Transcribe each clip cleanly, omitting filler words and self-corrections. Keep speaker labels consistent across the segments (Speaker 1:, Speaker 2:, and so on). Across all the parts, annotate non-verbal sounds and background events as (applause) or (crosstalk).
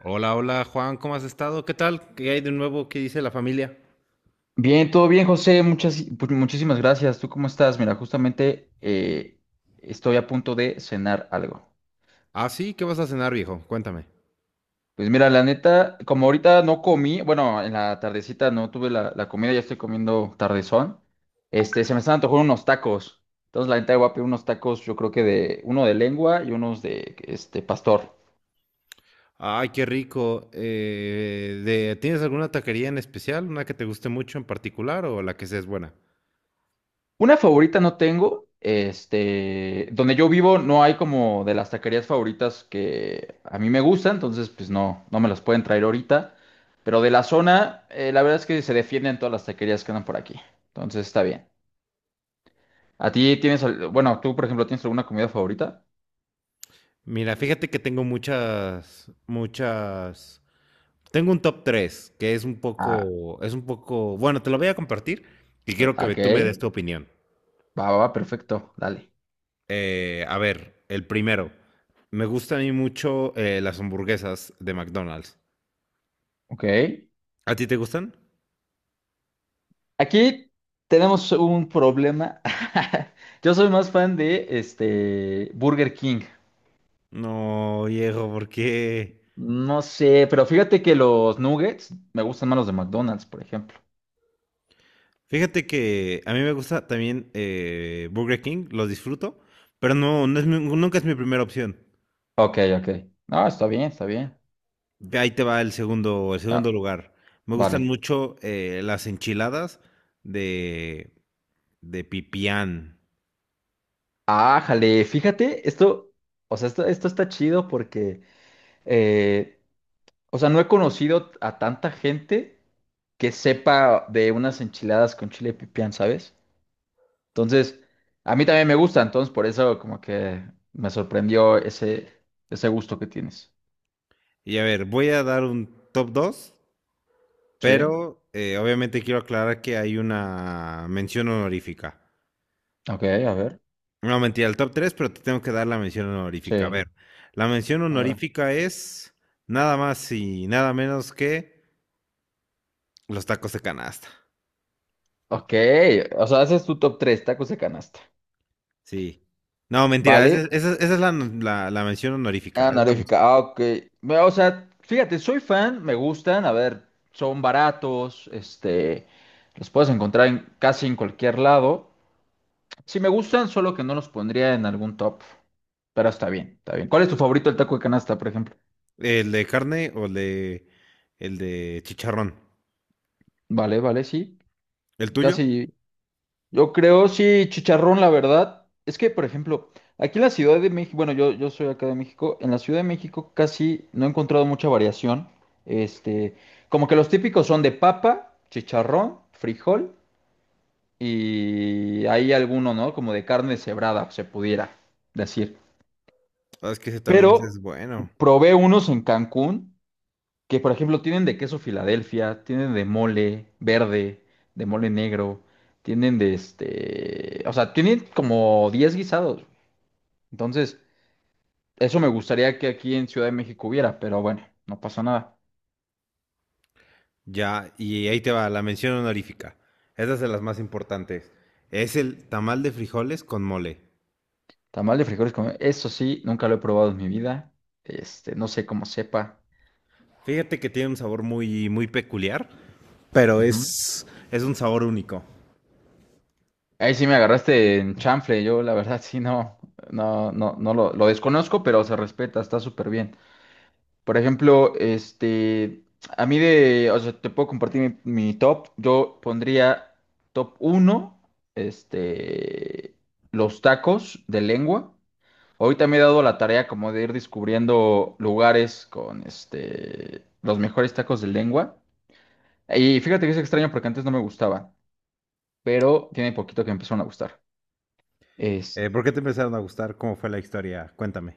Speaker 1: Hola, hola Juan, ¿cómo has estado? ¿Qué tal? ¿Qué hay de nuevo? ¿Qué dice la familia?
Speaker 2: Bien, todo bien, José. Pues, muchísimas gracias. ¿Tú cómo estás? Mira, justamente estoy a punto de cenar algo.
Speaker 1: Ah, sí, ¿qué vas a cenar, viejo? Cuéntame.
Speaker 2: Pues mira, la neta, como ahorita no comí, bueno, en la tardecita no tuve la comida, ya estoy comiendo tardezón. Se me están antojando unos tacos. Entonces, la neta, voy a pedir unos tacos, yo creo que de uno de lengua y unos de pastor.
Speaker 1: Ay, qué rico. ¿Tienes alguna taquería en especial? ¿Una que te guste mucho en particular o la que seas buena?
Speaker 2: Una favorita no tengo. Donde yo vivo no hay como de las taquerías favoritas que a mí me gustan, entonces pues no me las pueden traer ahorita. Pero de la zona, la verdad es que se defienden todas las taquerías que andan por aquí. Entonces está bien. ¿A ti tienes, al- Bueno, tú por ejemplo, ¿tienes alguna comida favorita?
Speaker 1: Mira, fíjate que tengo muchas, muchas. Tengo un top 3 que es un
Speaker 2: Ah,
Speaker 1: poco, es un poco. Bueno, te lo voy a compartir y quiero que
Speaker 2: ok.
Speaker 1: tú me des tu opinión.
Speaker 2: Va, va, va, perfecto. Dale.
Speaker 1: A ver, el primero. Me gustan a mí mucho las hamburguesas de McDonald's.
Speaker 2: Ok.
Speaker 1: ¿A ti te gustan?
Speaker 2: Aquí tenemos un problema. (laughs) Yo soy más fan de Burger King.
Speaker 1: No, viejo, ¿por qué?
Speaker 2: No sé, pero fíjate que los nuggets me gustan más los de McDonald's, por ejemplo.
Speaker 1: Fíjate que a mí me gusta también Burger King, los disfruto, pero no, no nunca es mi primera opción.
Speaker 2: Ok, ok. Ah, está bien, está bien.
Speaker 1: Ve, ahí te va el segundo
Speaker 2: Ah,
Speaker 1: lugar. Me gustan
Speaker 2: vale.
Speaker 1: mucho las enchiladas de, de pipián.
Speaker 2: Ah, jale, fíjate, esto, o sea, esto está chido porque, eh, o sea, no he conocido a tanta gente que sepa de unas enchiladas con chile pipián, ¿sabes? Entonces, a mí también me gusta, entonces por eso como que me sorprendió ese gusto que tienes.
Speaker 1: Y a ver, voy a dar un top 2,
Speaker 2: Sí,
Speaker 1: pero obviamente quiero aclarar que hay una mención honorífica.
Speaker 2: ok, a ver.
Speaker 1: No, mentira, el top 3, pero te tengo que dar la mención
Speaker 2: Sí,
Speaker 1: honorífica. A ver, la mención
Speaker 2: a ver.
Speaker 1: honorífica es nada más y nada menos que los tacos de canasta.
Speaker 2: Ok, o sea, ese es tu top 3, tacos de canasta.
Speaker 1: Sí. No, mentira, esa,
Speaker 2: ¿Vale?
Speaker 1: es esa es- esa es la, la- la mención honorífica. Esa es la mención.
Speaker 2: Anaréfica, ah, ok. Mira, o sea, fíjate, soy fan, me gustan, a ver, son baratos, los puedes encontrar en, casi en cualquier lado. Sí me gustan, solo que no los pondría en algún top, pero está bien, está bien. ¿Cuál es tu favorito el taco de canasta, por ejemplo?
Speaker 1: ¿El de carne o el de chicharrón?
Speaker 2: Vale, vale, sí,
Speaker 1: ¿El tuyo?
Speaker 2: casi. Yo creo, sí, chicharrón, la verdad. Es que, por ejemplo, aquí en la Ciudad de México, bueno, yo soy acá de México, en la Ciudad de México casi no he encontrado mucha variación. Este, Como que los típicos son de papa, chicharrón, frijol y hay alguno, ¿no? Como de carne cebrada, se pudiera decir.
Speaker 1: Ah, es que ese también
Speaker 2: Pero
Speaker 1: es bueno.
Speaker 2: probé unos en Cancún. Que por ejemplo tienen de queso Filadelfia, tienen de mole verde, de mole negro, o sea, tienen como 10 guisados. Entonces, eso me gustaría que aquí en Ciudad de México hubiera, pero bueno, no pasa nada.
Speaker 1: Ya, y ahí te va, la mención honorífica. Esa es de las más importantes. Es el tamal de frijoles con mole.
Speaker 2: Tamal de frijoles con... Eso sí, nunca lo he probado en mi vida. No sé cómo sepa.
Speaker 1: Fíjate que tiene un sabor muy, muy peculiar. Pero
Speaker 2: Ujú.
Speaker 1: es un sabor único.
Speaker 2: Ahí sí me agarraste en chanfle, yo la verdad sí no, no, no, no lo desconozco, pero se respeta, está súper bien. Por ejemplo, o sea, te puedo compartir mi top. Yo pondría top uno, este, los tacos de lengua. Ahorita me he dado la tarea como de ir descubriendo lugares con, los mejores tacos de lengua. Y fíjate que es extraño porque antes no me gustaba, pero tiene poquito que me empezaron a gustar.
Speaker 1: ¿Por qué te empezaron a gustar? ¿Cómo fue la historia? Cuéntame.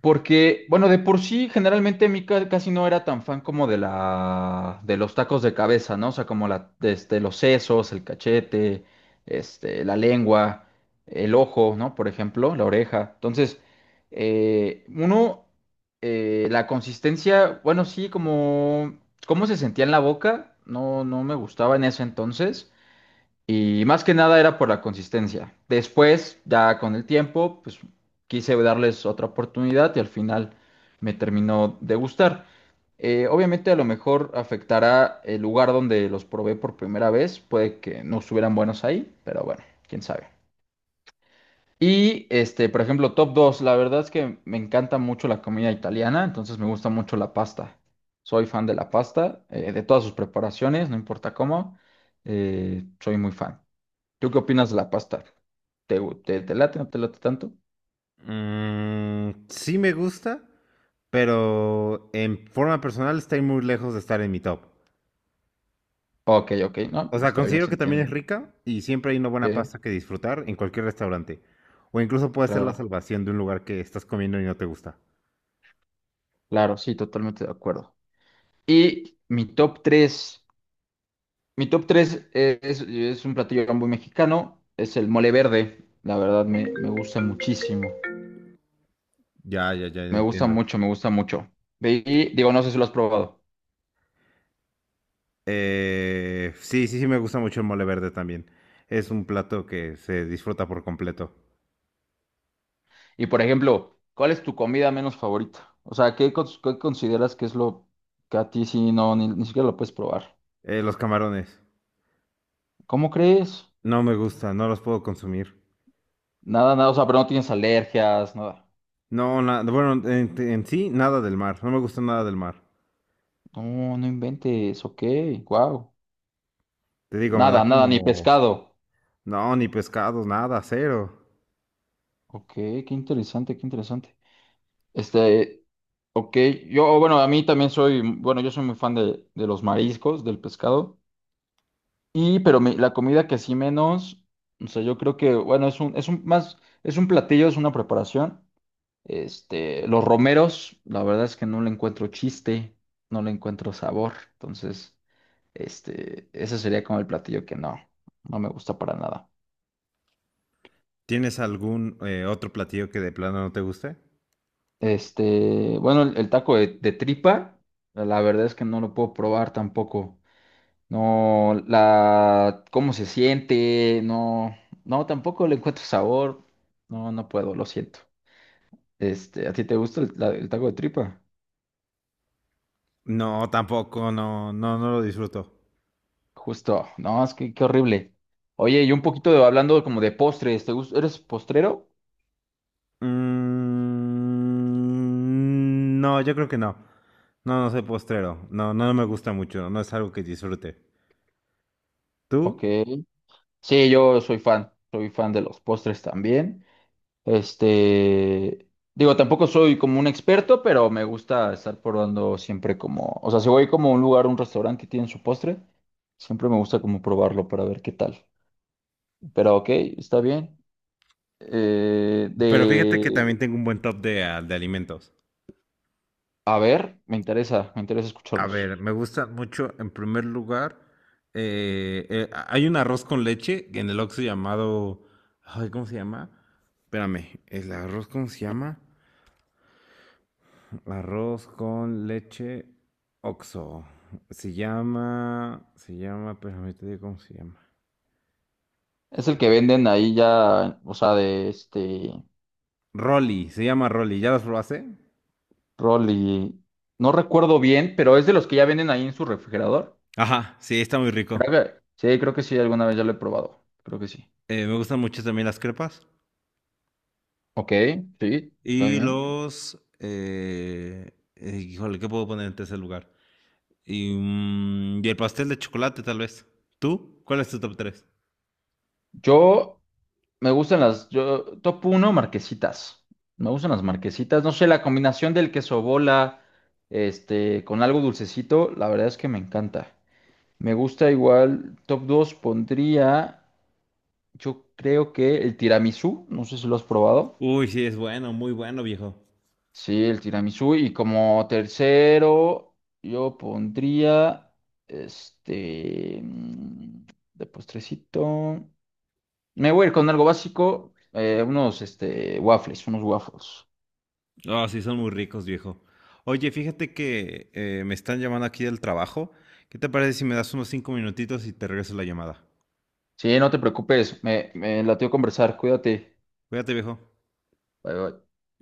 Speaker 2: Porque, bueno, de por sí, generalmente casi no era tan fan como de de los tacos de cabeza, ¿no? O sea, como los sesos, el cachete, la lengua, el ojo, ¿no? Por ejemplo, la oreja. Entonces, uno, la consistencia, bueno, sí, cómo se sentía en la boca, no me gustaba en ese entonces. Y más que nada era por la consistencia. Después, ya con el tiempo, pues quise darles otra oportunidad y al final me terminó de gustar. Obviamente a lo mejor afectará el lugar donde los probé por primera vez. Puede que no estuvieran buenos ahí, pero bueno, quién sabe. Y por ejemplo, top 2 la verdad es que me encanta mucho la comida italiana, entonces me gusta mucho la pasta. Soy fan de la pasta, de todas sus preparaciones, no importa cómo, soy muy fan. ¿Tú qué opinas de la pasta? ¿Te late, no te late tanto?
Speaker 1: Sí me gusta, pero en forma personal está muy lejos de estar en mi top.
Speaker 2: Ok, ok, no,
Speaker 1: O
Speaker 2: pues
Speaker 1: sea,
Speaker 2: está bien,
Speaker 1: considero
Speaker 2: se
Speaker 1: que también
Speaker 2: entiende.
Speaker 1: es rica y siempre hay una buena
Speaker 2: Sí,
Speaker 1: pasta que disfrutar en cualquier restaurante. O incluso puede ser la
Speaker 2: claro,
Speaker 1: salvación de un lugar que estás comiendo y no te gusta.
Speaker 2: claro, sí, totalmente de acuerdo. Y mi top tres es un platillo muy mexicano, es el mole verde, la verdad me gusta muchísimo,
Speaker 1: Ya, ya, ya
Speaker 2: me gusta
Speaker 1: entiendo.
Speaker 2: mucho, me gusta mucho. Y digo, no sé si lo has probado.
Speaker 1: Sí, sí, sí me gusta mucho el mole verde también. Es un plato que se disfruta por completo.
Speaker 2: Y por ejemplo, ¿cuál es tu comida menos favorita? O sea, ¿qué consideras que es lo que a ti sí no, ni siquiera lo puedes probar?
Speaker 1: Los camarones.
Speaker 2: ¿Cómo crees?
Speaker 1: No me gusta, no los puedo consumir.
Speaker 2: Nada, nada, o sea, pero no tienes alergias, nada.
Speaker 1: No, bueno, en sí, nada del mar. No me gusta nada del mar.
Speaker 2: No, no inventes, ok, wow.
Speaker 1: Te digo, me da
Speaker 2: Nada, nada, ni
Speaker 1: como...
Speaker 2: pescado.
Speaker 1: No, ni pescados, nada, cero.
Speaker 2: Ok, qué interesante, qué interesante. Este, ok, yo, bueno, a mí también soy, bueno, yo soy muy fan de, los mariscos, del pescado. Y, pero la comida que sí menos, o sea, yo creo que, bueno, es un platillo, es una preparación. Los romeros, la verdad es que no le encuentro chiste, no le encuentro sabor, entonces. Ese sería como el platillo que no me gusta para nada.
Speaker 1: ¿Tienes algún otro platillo que de plano no te guste?
Speaker 2: Bueno, el taco de, tripa, la verdad es que no lo puedo probar tampoco. No, cómo se siente, no, tampoco le encuentro sabor. No, no puedo, lo siento. ¿A ti te gusta el taco de tripa?
Speaker 1: No, tampoco, no, no, no lo disfruto.
Speaker 2: Justo, no, es que qué horrible. Oye, y un poquito hablando como de postres, ¿te gusta? ¿Eres postrero?
Speaker 1: Mm, no, yo creo que no. No, no soy postrero. No, no me gusta mucho. No es algo que disfrute. ¿Tú?
Speaker 2: Ok. Sí, yo soy fan de los postres también. Este, Digo, tampoco soy como un experto, pero me gusta estar probando siempre como, o sea, si voy como a un lugar, un restaurante que tiene su postre, siempre me gusta como probarlo para ver qué tal. Pero ok, está bien. Eh,
Speaker 1: Pero fíjate que
Speaker 2: de,
Speaker 1: también tengo un buen top de alimentos.
Speaker 2: a ver, me interesa
Speaker 1: A
Speaker 2: escucharlos.
Speaker 1: ver, me gusta mucho, en primer lugar, hay un arroz con leche en el Oxxo llamado, ay, ¿cómo se llama? Espérame, ¿el arroz cómo se llama? Arroz con leche Oxxo. Se llama, espérame, te digo cómo se llama.
Speaker 2: Es el que venden ahí ya, o sea, de este
Speaker 1: Rolly, se llama Rolly, ¿ya las probaste?
Speaker 2: rol y no recuerdo bien, pero es de los que ya venden ahí en su refrigerador.
Speaker 1: Ajá, sí, está muy
Speaker 2: Creo
Speaker 1: rico.
Speaker 2: que, sí, creo que sí, alguna vez ya lo he probado. Creo que sí.
Speaker 1: Me gustan mucho también las crepas.
Speaker 2: Ok, sí, está
Speaker 1: Y
Speaker 2: bien.
Speaker 1: híjole, ¿qué puedo poner en tercer lugar? Y el pastel de chocolate, tal vez. ¿Tú? ¿Cuál es tu top tres?
Speaker 2: Yo me gustan top uno marquesitas. Me gustan las marquesitas. No sé, la combinación del queso bola, con algo dulcecito, la verdad es que me encanta. Me gusta igual, top 2 pondría, yo creo que el tiramisú, no sé si lo has probado.
Speaker 1: Uy, sí, es bueno, muy bueno, viejo.
Speaker 2: Sí, el tiramisú. Y como tercero, yo pondría, este, mm, de postrecito. Me voy a ir con algo básico, unos waffles.
Speaker 1: Ah, sí, son muy ricos, viejo. Oye, fíjate que me están llamando aquí del trabajo. ¿Qué te parece si me das unos 5 minutitos y te regreso la llamada?
Speaker 2: Sí, no te preocupes, me latió conversar, cuídate.
Speaker 1: Cuídate, viejo.
Speaker 2: Bye, bye.